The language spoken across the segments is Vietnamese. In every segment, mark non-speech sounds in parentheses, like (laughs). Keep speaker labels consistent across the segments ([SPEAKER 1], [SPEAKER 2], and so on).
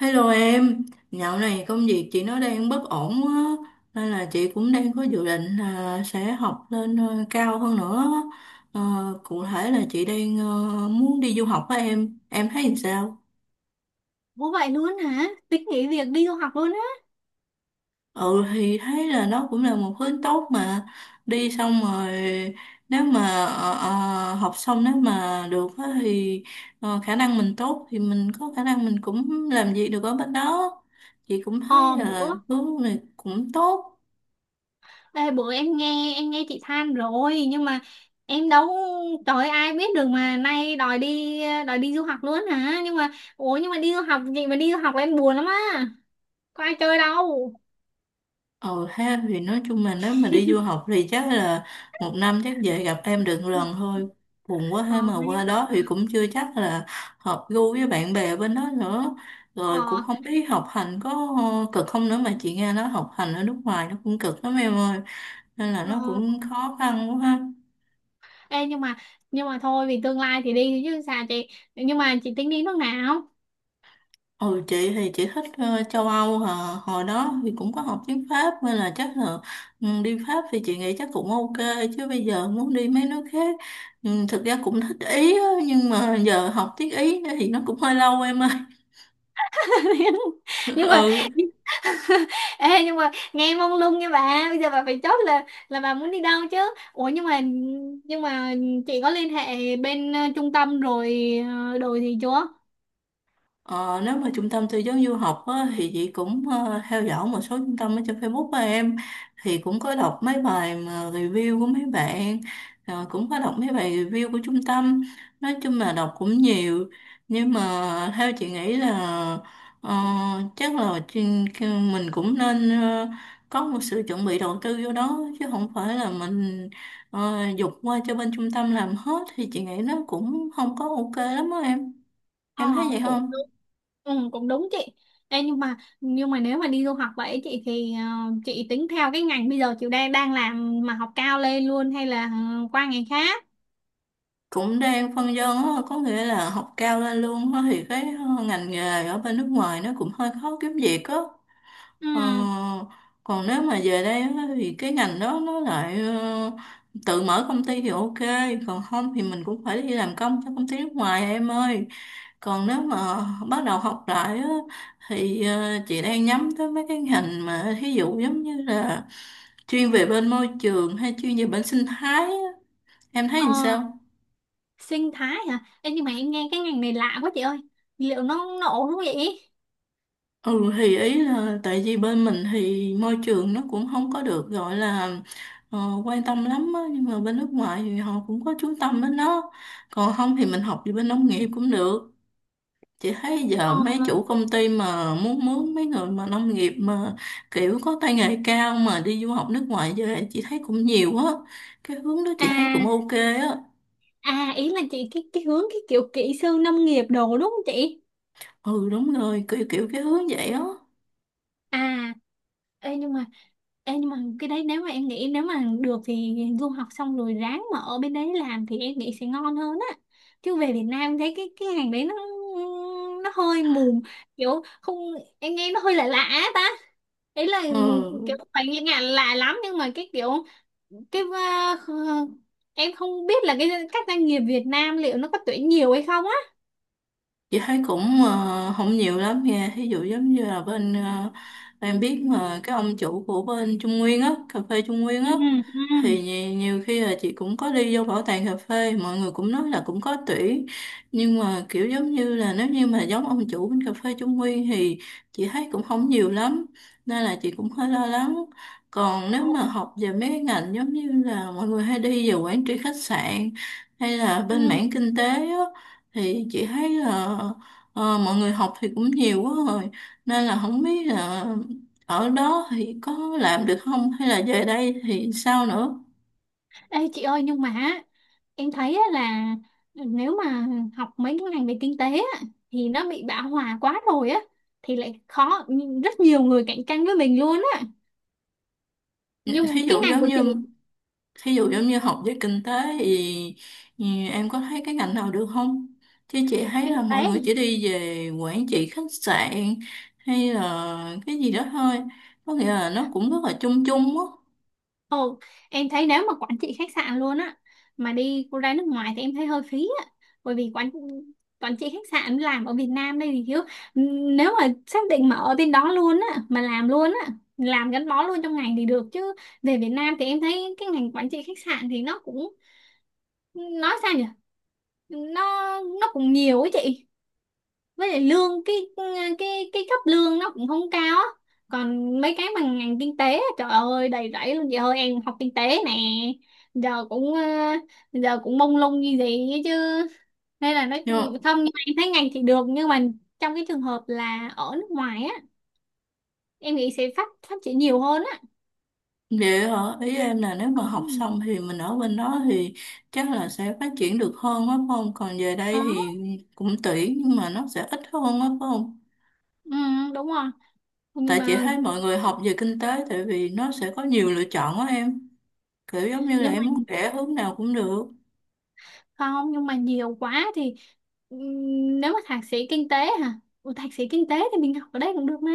[SPEAKER 1] Hello em, dạo này công việc chị nó đang bất ổn quá nên là chị cũng đang có dự định là sẽ học lên cao hơn nữa. Ờ, cụ thể là chị đang muốn đi du học với em thấy làm sao?
[SPEAKER 2] Ủa vậy luôn hả? Tính nghỉ việc đi du học luôn á.
[SPEAKER 1] Ừ thì thấy là nó cũng là một hướng tốt mà đi xong rồi nếu mà học xong nếu mà được á thì khả năng mình tốt thì mình có khả năng mình cũng làm việc được ở bên đó. Chị cũng thấy
[SPEAKER 2] Ờ bữa
[SPEAKER 1] là hướng này cũng tốt.
[SPEAKER 2] ê, bữa em nghe chị than rồi nhưng mà em đâu, trời ơi, ai biết được mà nay đòi đi du học luôn hả? Nhưng mà ủa nhưng mà đi du học, chị mà đi du học là em buồn lắm á. Có ai chơi đâu.
[SPEAKER 1] Ờ ha, thì nói chung là nếu mà đi du học thì chắc là một năm chắc về gặp em được lần thôi, buồn quá
[SPEAKER 2] Ờ
[SPEAKER 1] ha, mà
[SPEAKER 2] nhưng
[SPEAKER 1] qua
[SPEAKER 2] mà
[SPEAKER 1] đó thì cũng chưa chắc là hợp gu với bạn bè bên đó nữa, rồi cũng
[SPEAKER 2] ờ,
[SPEAKER 1] không biết học hành có cực không nữa, mà chị nghe nói học hành ở nước ngoài nó cũng cực lắm em ơi, nên là nó
[SPEAKER 2] ờ.
[SPEAKER 1] cũng khó khăn quá ha.
[SPEAKER 2] Ê, nhưng mà thôi, vì tương lai thì đi chứ sao chị. Nhưng mà chị tính đi nước nào?
[SPEAKER 1] Ừ, chị thì chị thích châu Âu hả? Hồi đó thì cũng có học tiếng Pháp nên là chắc là, ừ, đi Pháp thì chị nghĩ chắc cũng ok, chứ bây giờ muốn đi mấy nước khác, ừ, thực ra cũng thích Ý á, nhưng mà giờ học tiếng Ý thì nó cũng hơi lâu em ơi.
[SPEAKER 2] (laughs)
[SPEAKER 1] (laughs)
[SPEAKER 2] nhưng mà
[SPEAKER 1] Ừ.
[SPEAKER 2] Ê, nhưng mà nghe mông lung nha bà. Bây giờ bà phải chốt là bà muốn đi đâu chứ. Ủa nhưng mà Nhưng mà chị có liên hệ bên trung tâm rồi, đồ gì chưa?
[SPEAKER 1] Ờ, nếu mà trung tâm tư vấn du học á, thì chị cũng theo dõi một số trung tâm ở trên Facebook của em, thì cũng có đọc mấy bài mà review của mấy bạn, cũng có đọc mấy bài review của trung tâm, nói chung là đọc cũng nhiều. Nhưng mà theo chị nghĩ là, ờ, chắc là mình cũng nên, có một sự chuẩn bị đầu tư vô đó chứ không phải là mình dục qua cho bên trung tâm làm hết, thì chị nghĩ nó cũng không có ok lắm á em
[SPEAKER 2] Ờ
[SPEAKER 1] em thấy vậy
[SPEAKER 2] cũng
[SPEAKER 1] không?
[SPEAKER 2] đúng. Ừ cũng đúng chị. Ê nhưng mà Nhưng mà nếu mà đi du học vậy chị, thì chị tính theo cái ngành bây giờ chị đang đang làm mà học cao lên luôn hay là qua ngành khác?
[SPEAKER 1] Cũng đang phân vân á, có nghĩa là học cao lên luôn á, thì cái ngành nghề ở bên nước ngoài nó cũng hơi khó kiếm việc á.
[SPEAKER 2] Ừ.
[SPEAKER 1] ờ, Còn nếu mà về đây á, thì cái ngành đó nó lại tự mở công ty thì ok, còn không thì mình cũng phải đi làm công cho công ty nước ngoài em ơi. Còn nếu mà bắt đầu học lại á, thì chị đang nhắm tới mấy cái ngành mà thí dụ giống như là chuyên về bên môi trường hay chuyên về bên sinh thái á. Em thấy
[SPEAKER 2] Ờ,
[SPEAKER 1] làm sao?
[SPEAKER 2] sinh thái hả? Ê nhưng mà em nghe cái ngành này lạ quá chị ơi. Liệu nó nổ không vậy?
[SPEAKER 1] Ừ thì ý là tại vì bên mình thì môi trường nó cũng không có được gọi là ờ, quan tâm lắm á, nhưng mà bên nước ngoài thì họ cũng có chú tâm đến nó. Còn không thì mình học về bên nông nghiệp cũng được. Chị thấy
[SPEAKER 2] Ờ
[SPEAKER 1] giờ mấy chủ công ty mà muốn mướn mấy người mà nông nghiệp mà kiểu có tay nghề cao mà đi du học nước ngoài về chị thấy cũng nhiều á. Cái hướng đó chị thấy cũng
[SPEAKER 2] à
[SPEAKER 1] ok á.
[SPEAKER 2] À, ý là chị cái hướng cái kiểu kỹ sư nông nghiệp đồ đúng không chị?
[SPEAKER 1] Ừ đúng rồi, kiểu kiểu cái hướng vậy á.
[SPEAKER 2] À, ê nhưng mà ê nhưng mà cái đấy, nếu mà em nghĩ, nếu mà được thì du học xong rồi ráng mà ở bên đấy làm thì em nghĩ sẽ ngon hơn á. Chứ về Việt Nam thấy cái ngành đấy nó hơi mù, kiểu không, em nghe nó hơi lạ lạ á ta. Ý là
[SPEAKER 1] Ừ.
[SPEAKER 2] kiểu phải nghe ngạn lạ lắm nhưng mà cái kiểu cái em không biết là các doanh nghiệp Việt Nam liệu nó có tuyển nhiều hay không á.
[SPEAKER 1] Chị thấy cũng không nhiều lắm nha, ví dụ giống như là bên em biết mà cái ông chủ của bên Trung Nguyên á, cà phê Trung Nguyên
[SPEAKER 2] Ừ
[SPEAKER 1] á,
[SPEAKER 2] ừ.
[SPEAKER 1] thì nhiều khi là chị cũng có đi vô bảo tàng cà phê, mọi người cũng nói là cũng có tuyển, nhưng mà kiểu giống như là nếu như mà giống ông chủ bên cà phê Trung Nguyên thì chị thấy cũng không nhiều lắm, nên là chị cũng hơi lo lắng. Còn nếu
[SPEAKER 2] Ồ,
[SPEAKER 1] mà học về mấy cái ngành giống như là mọi người hay đi về quản trị khách sạn hay là bên mảng
[SPEAKER 2] ừ.
[SPEAKER 1] kinh tế á, thì chị thấy là mọi người học thì cũng nhiều quá rồi, nên là không biết là ở đó thì có làm được không hay là về đây thì sao nữa.
[SPEAKER 2] Ê chị ơi, nhưng mà á, em thấy á là nếu mà học mấy cái ngành về kinh tế á, thì nó bị bão hòa quá rồi á, thì lại khó, rất nhiều người cạnh tranh với mình luôn á, nhưng
[SPEAKER 1] Thí
[SPEAKER 2] cái
[SPEAKER 1] dụ
[SPEAKER 2] ngành
[SPEAKER 1] giống
[SPEAKER 2] của
[SPEAKER 1] như,
[SPEAKER 2] chị
[SPEAKER 1] thí dụ giống như học về kinh tế thì, thì em có thấy cái ngành nào được không, chứ chị thấy
[SPEAKER 2] kinh
[SPEAKER 1] là
[SPEAKER 2] tế.
[SPEAKER 1] mọi người chỉ đi về quản trị khách sạn hay là cái gì đó thôi, có nghĩa là nó cũng rất là chung chung
[SPEAKER 2] Ồ, em thấy nếu mà quản trị khách sạn luôn á mà đi cô ra nước ngoài thì em thấy hơi phí á, bởi vì quản quản trị khách sạn làm ở Việt Nam đây thì thiếu. Nếu mà xác định mà ở bên đó luôn á, mà làm luôn á, làm gắn bó luôn trong ngành thì được, chứ về Việt Nam thì em thấy cái ngành quản trị khách sạn thì nó cũng, nói sao nhỉ, nó nó cũng nhiều ấy chị, với lại lương cái cấp lương nó cũng không cao á. Còn mấy cái bằng ngành kinh tế á, trời ơi đầy rẫy luôn chị ơi, em học kinh tế nè, giờ cũng giờ cũng mông lung như gì ấy chứ, nên là nó.
[SPEAKER 1] á.
[SPEAKER 2] Không, nhưng mà em thấy ngành thì được, nhưng mà trong cái trường hợp là ở nước ngoài á, em nghĩ sẽ phát phát triển nhiều hơn á.
[SPEAKER 1] Vậy hả? Ý em là nếu mà học
[SPEAKER 2] Ừ.
[SPEAKER 1] xong thì mình ở bên đó thì chắc là sẽ phát triển được hơn á phải không? Còn về đây
[SPEAKER 2] Đó.
[SPEAKER 1] thì cũng tuyển nhưng mà nó sẽ ít hơn á phải không?
[SPEAKER 2] Ừ, đúng rồi. nhưng
[SPEAKER 1] Tại chị
[SPEAKER 2] mà
[SPEAKER 1] thấy mọi người học về kinh tế tại vì nó sẽ có nhiều lựa chọn á em. Kiểu giống như là
[SPEAKER 2] nhưng mà
[SPEAKER 1] em muốn rẽ hướng nào cũng được.
[SPEAKER 2] Không, nhưng mà nhiều quá thì ừm, nếu mà thạc sĩ kinh tế hả? Ủa, thạc sĩ kinh tế thì mình học ở đây cũng được mà,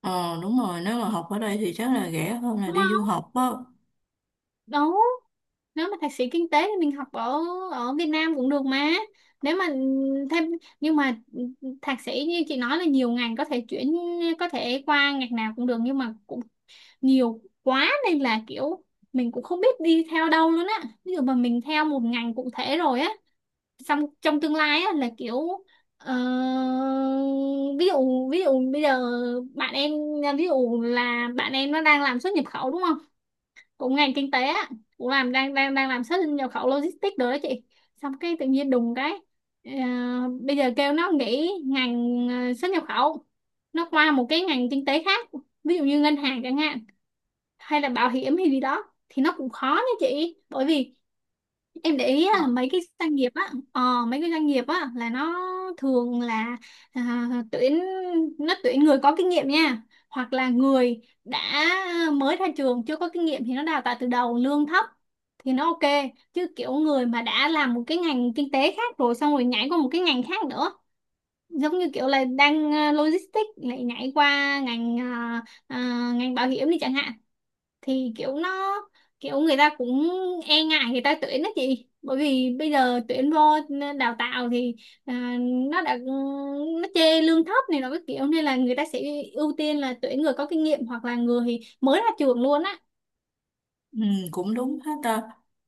[SPEAKER 1] Ờ đúng rồi, nếu mà học ở đây thì chắc là rẻ hơn là
[SPEAKER 2] đúng
[SPEAKER 1] đi du
[SPEAKER 2] không?
[SPEAKER 1] học á.
[SPEAKER 2] Đúng. Nếu mà thạc sĩ kinh tế thì mình học ở ở Việt Nam cũng được mà, nếu mà thêm nhưng mà thạc sĩ như chị nói là nhiều ngành có thể chuyển, có thể qua ngành nào cũng được, nhưng mà cũng nhiều quá nên là kiểu mình cũng không biết đi theo đâu luôn á. Ví dụ mà mình theo một ngành cụ thể rồi á, xong trong tương lai á là kiểu ờ, ví dụ bây giờ bạn em ví dụ là bạn em nó đang làm xuất nhập khẩu đúng không, cũng ngành kinh tế á, cũng làm đang đang đang làm xuất nhập khẩu logistics rồi đó chị, xong cái tự nhiên đùng cái ờ, bây giờ kêu nó nghỉ ngành xuất nhập khẩu, nó qua một cái ngành kinh tế khác, ví dụ như ngân hàng chẳng hạn, hay là bảo hiểm hay gì đó, thì nó cũng khó nha chị, bởi vì em để ý là mấy cái doanh nghiệp á, mấy cái doanh nghiệp á là nó thường là à, tuyển nó tuyển người có kinh nghiệm nha, hoặc là người đã mới ra trường chưa có kinh nghiệm thì nó đào tạo từ đầu lương thấp thì nó ok, chứ kiểu người mà đã làm một cái ngành kinh tế khác rồi, xong rồi nhảy qua một cái ngành khác nữa, giống như kiểu là đang logistics lại nhảy qua ngành ngành bảo hiểm đi chẳng hạn, thì kiểu nó kiểu người ta cũng e ngại người ta tuyển đó chị, bởi vì bây giờ tuyển vô đào tạo thì à, nó đã nó chê lương thấp này nó cái kiểu, nên là người ta sẽ ưu tiên là tuyển người có kinh nghiệm hoặc là người mới ra trường luôn á.
[SPEAKER 1] Ừ, cũng đúng hết ta.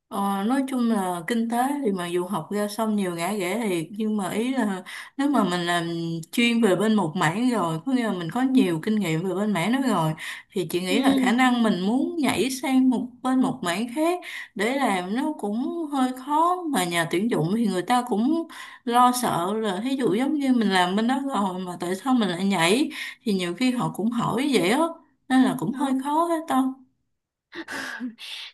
[SPEAKER 1] Nói chung là kinh tế thì mà dù học ra xong nhiều ngã rẽ thiệt, nhưng mà ý là nếu mà mình làm chuyên về bên một mảng rồi, có nghĩa là mình có nhiều kinh nghiệm về bên mảng đó rồi, thì chị nghĩ là khả
[SPEAKER 2] Ừ.
[SPEAKER 1] năng mình muốn nhảy sang một bên một mảng khác để làm nó cũng hơi khó. Mà nhà tuyển dụng thì người ta cũng lo sợ là thí dụ giống như mình làm bên đó rồi mà tại sao mình lại nhảy, thì nhiều khi họ cũng hỏi vậy á, nên là cũng hơi
[SPEAKER 2] Đó.
[SPEAKER 1] khó hết ta.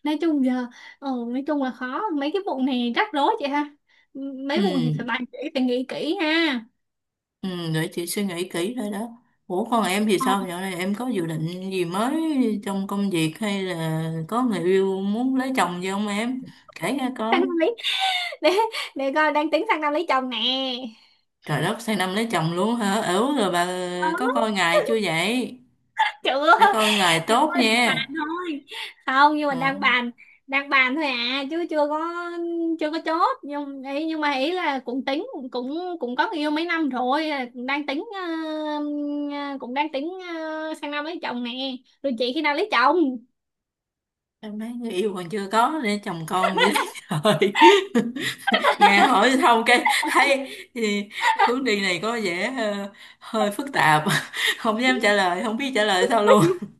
[SPEAKER 2] Nói chung giờ ừ, nói chung là khó, mấy cái vụ này rắc rối chị ha. Ừ,
[SPEAKER 1] Ừ.
[SPEAKER 2] mấy vụ này phải bàn kỹ phải nghĩ kỹ ha.
[SPEAKER 1] Ừ, để chị suy nghĩ kỹ thôi đó. Ủa còn em thì
[SPEAKER 2] Ờ,
[SPEAKER 1] sao? Dạo này em có dự định gì mới trong công việc hay là có người yêu muốn lấy chồng gì không em? Kể nghe
[SPEAKER 2] sang
[SPEAKER 1] coi.
[SPEAKER 2] năm lấy, để để coi, đang tính sang năm lấy chồng nè.
[SPEAKER 1] Trời đất, sang năm lấy chồng luôn hả? Ừ rồi bà có
[SPEAKER 2] Đó,
[SPEAKER 1] coi ngày chưa vậy?
[SPEAKER 2] chưa,
[SPEAKER 1] Phải coi ngày tốt
[SPEAKER 2] bàn
[SPEAKER 1] nha.
[SPEAKER 2] thôi, không nhưng
[SPEAKER 1] Ừ.
[SPEAKER 2] mà đang bàn, đang bàn thôi à, chứ chưa có chốt. Nhưng ý, nhưng mà ý là cũng tính, cũng cũng có người yêu mấy năm rồi, đang tính ờ, cũng đang tính sang năm lấy chồng nè. Rồi chị khi nào lấy chồng?
[SPEAKER 1] Em mấy người yêu còn chưa có để chồng con vậy đó. (laughs) Trời, nghe hỏi xong cái thấy thì hướng đi này có vẻ hơi phức tạp. (laughs) Không dám trả lời, không biết trả lời sao luôn.
[SPEAKER 2] (laughs)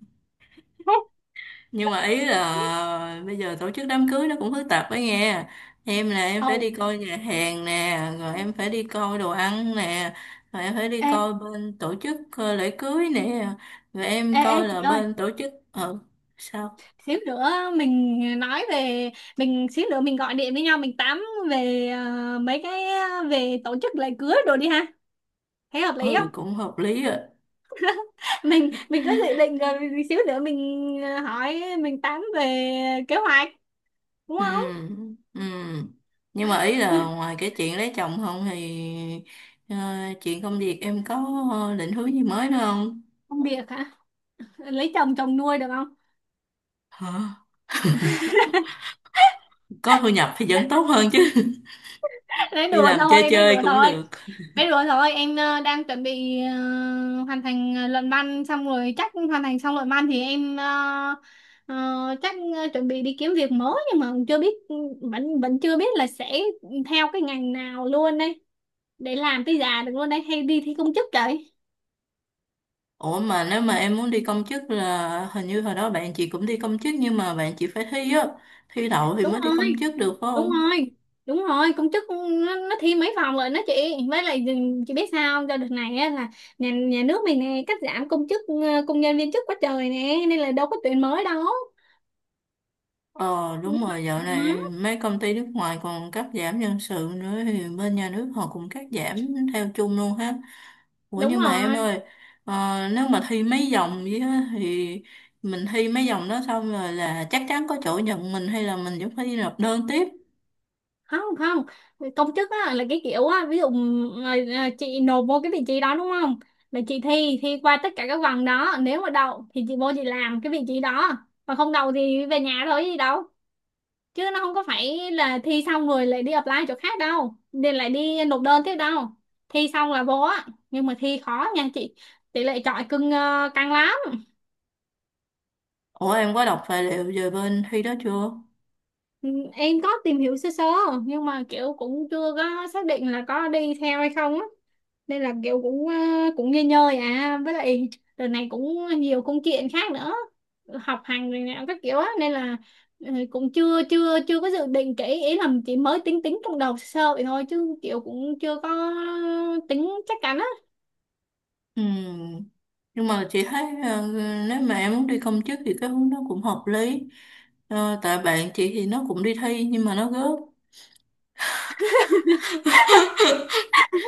[SPEAKER 1] Nhưng mà ý là bây giờ tổ chức đám cưới nó cũng phức tạp ấy nghe, em là em phải
[SPEAKER 2] Ồ,
[SPEAKER 1] đi coi nhà hàng nè, rồi em phải đi coi đồ ăn nè, rồi em phải đi
[SPEAKER 2] ê,
[SPEAKER 1] coi bên tổ chức lễ cưới nè, rồi em
[SPEAKER 2] ê
[SPEAKER 1] coi
[SPEAKER 2] chị
[SPEAKER 1] là
[SPEAKER 2] ơi,
[SPEAKER 1] bên tổ chức ờ. Sao?
[SPEAKER 2] xíu nữa mình nói về xíu nữa mình gọi điện với nhau mình tám về về tổ chức lễ cưới rồi đi ha. Thấy hợp lý không?
[SPEAKER 1] Ừ cũng hợp lý rồi.
[SPEAKER 2] Mình có dự định rồi, xíu nữa mình hỏi mình tán về kế hoạch, đúng
[SPEAKER 1] Ừ.
[SPEAKER 2] không?
[SPEAKER 1] Ừ. Nhưng mà ý là ngoài cái chuyện lấy chồng không thì, ờ, chuyện công việc em có định hướng gì mới nữa không?
[SPEAKER 2] Công việc hả? Lấy chồng, chồng nuôi được không?
[SPEAKER 1] Hả? Có thu nhập thì vẫn tốt hơn chứ.
[SPEAKER 2] (laughs)
[SPEAKER 1] (laughs) Đi làm chơi
[SPEAKER 2] Nói
[SPEAKER 1] chơi
[SPEAKER 2] đùa
[SPEAKER 1] cũng
[SPEAKER 2] thôi.
[SPEAKER 1] được.
[SPEAKER 2] Nói đùa thôi, em đang chuẩn bị hoàn thành luận văn, xong rồi chắc hoàn thành xong luận văn thì em ờ, chắc chuẩn bị đi kiếm việc mới, nhưng mà chưa biết, vẫn vẫn chưa biết là sẽ theo cái ngành nào luôn đây để làm tới già được luôn đây, hay đi thi công chức vậy.
[SPEAKER 1] Ủa mà nếu mà em muốn đi công chức là hình như hồi đó bạn chị cũng đi công chức nhưng mà bạn chị phải thi á, thi đậu thì
[SPEAKER 2] đúng
[SPEAKER 1] mới đi công
[SPEAKER 2] rồi
[SPEAKER 1] chức được phải
[SPEAKER 2] đúng
[SPEAKER 1] không?
[SPEAKER 2] rồi Đúng rồi, công chức nó thi mấy phòng rồi nó chị, với lại chị biết sao không? Cho đợt này á, là nhà nhà nước mình nè cắt giảm công chức công nhân viên chức quá trời nè, nên là đâu có tuyển mới đâu.
[SPEAKER 1] Ờ
[SPEAKER 2] Nhưng
[SPEAKER 1] đúng
[SPEAKER 2] mà-
[SPEAKER 1] rồi, dạo này
[SPEAKER 2] ừ,
[SPEAKER 1] mấy công ty nước ngoài còn cắt giảm nhân sự nữa thì bên nhà nước họ cũng cắt giảm theo chung luôn ha. Ủa
[SPEAKER 2] đúng
[SPEAKER 1] nhưng mà em
[SPEAKER 2] rồi.
[SPEAKER 1] ơi, nếu mà thi mấy vòng vậy á, thì mình thi mấy vòng đó xong rồi là chắc chắn có chỗ nhận mình hay là mình vẫn phải đi nộp đơn tiếp?
[SPEAKER 2] Không Không, công chức á, là cái kiểu á, ví dụ ờ, chị nộp vô cái vị trí đó đúng không, là chị thi thi qua tất cả các vòng đó, nếu mà đậu thì chị vô chị làm cái vị trí đó, còn không đậu thì về nhà thôi gì đâu, chứ nó không có phải là thi xong rồi lại đi apply chỗ khác đâu, nên lại đi nộp đơn tiếp đâu, thi xong là vô á. Nhưng mà thi khó nha chị, tỷ lệ chọi cưng căng lắm.
[SPEAKER 1] Ủa em có đọc tài liệu về bên thi đó chưa?
[SPEAKER 2] Ừ, em có tìm hiểu sơ sơ nhưng mà kiểu cũng chưa có xác định là có đi theo hay không á, nên là kiểu cũng cũng nghỉ ngơi à, với lại đợt này cũng nhiều công chuyện khác nữa, học hành rồi nè các kiểu á, nên là ừ, cũng chưa chưa chưa có dự định kỹ, ý là chỉ mới tính tính trong đầu sơ sơ vậy thôi, chứ kiểu cũng chưa có tính chắc chắn á.
[SPEAKER 1] Ừ. Nhưng mà chị thấy nếu mà em muốn đi công chức thì cái hướng đó cũng hợp lý. Ờ, tại bạn chị thì nó cũng đi thi nhưng mà nó gớp.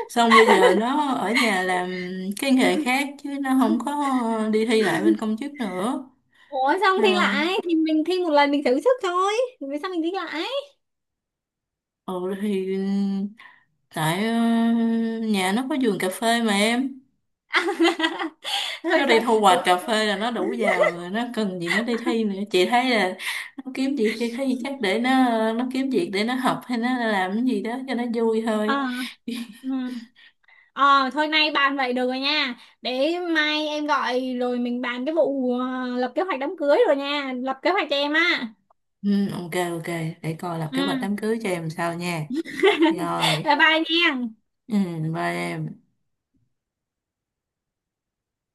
[SPEAKER 1] Xong bây giờ nó ở nhà làm cái nghề khác chứ nó không có đi thi lại bên công chức nữa.
[SPEAKER 2] Ủa xong
[SPEAKER 1] Ờ.
[SPEAKER 2] thi lại thì mình thi một lần mình thử sức thôi, vì sao mình thi lại?
[SPEAKER 1] Ừ thì tại nhà nó có vườn cà phê mà em.
[SPEAKER 2] (laughs)
[SPEAKER 1] Nó
[SPEAKER 2] Rồi
[SPEAKER 1] đi
[SPEAKER 2] sao
[SPEAKER 1] thu hoạch
[SPEAKER 2] đúng.
[SPEAKER 1] cà phê là nó đủ giàu rồi, nó cần gì nó đi thi nữa, chị thấy là nó kiếm việc đi thấy chắc để nó kiếm việc để nó học hay nó làm cái gì đó cho nó vui thôi.
[SPEAKER 2] À,
[SPEAKER 1] (laughs)
[SPEAKER 2] ừ. Ờ, thôi nay bàn vậy được rồi nha. Để mai em gọi rồi mình bàn cái vụ lập kế hoạch đám cưới rồi nha. Lập kế hoạch cho em á.
[SPEAKER 1] Ừ, ok ok, để coi lập
[SPEAKER 2] Ừ.
[SPEAKER 1] kế hoạch đám cưới cho em sao nha.
[SPEAKER 2] (laughs)
[SPEAKER 1] Rồi.
[SPEAKER 2] Bye bye nha.
[SPEAKER 1] Ừ, bye em.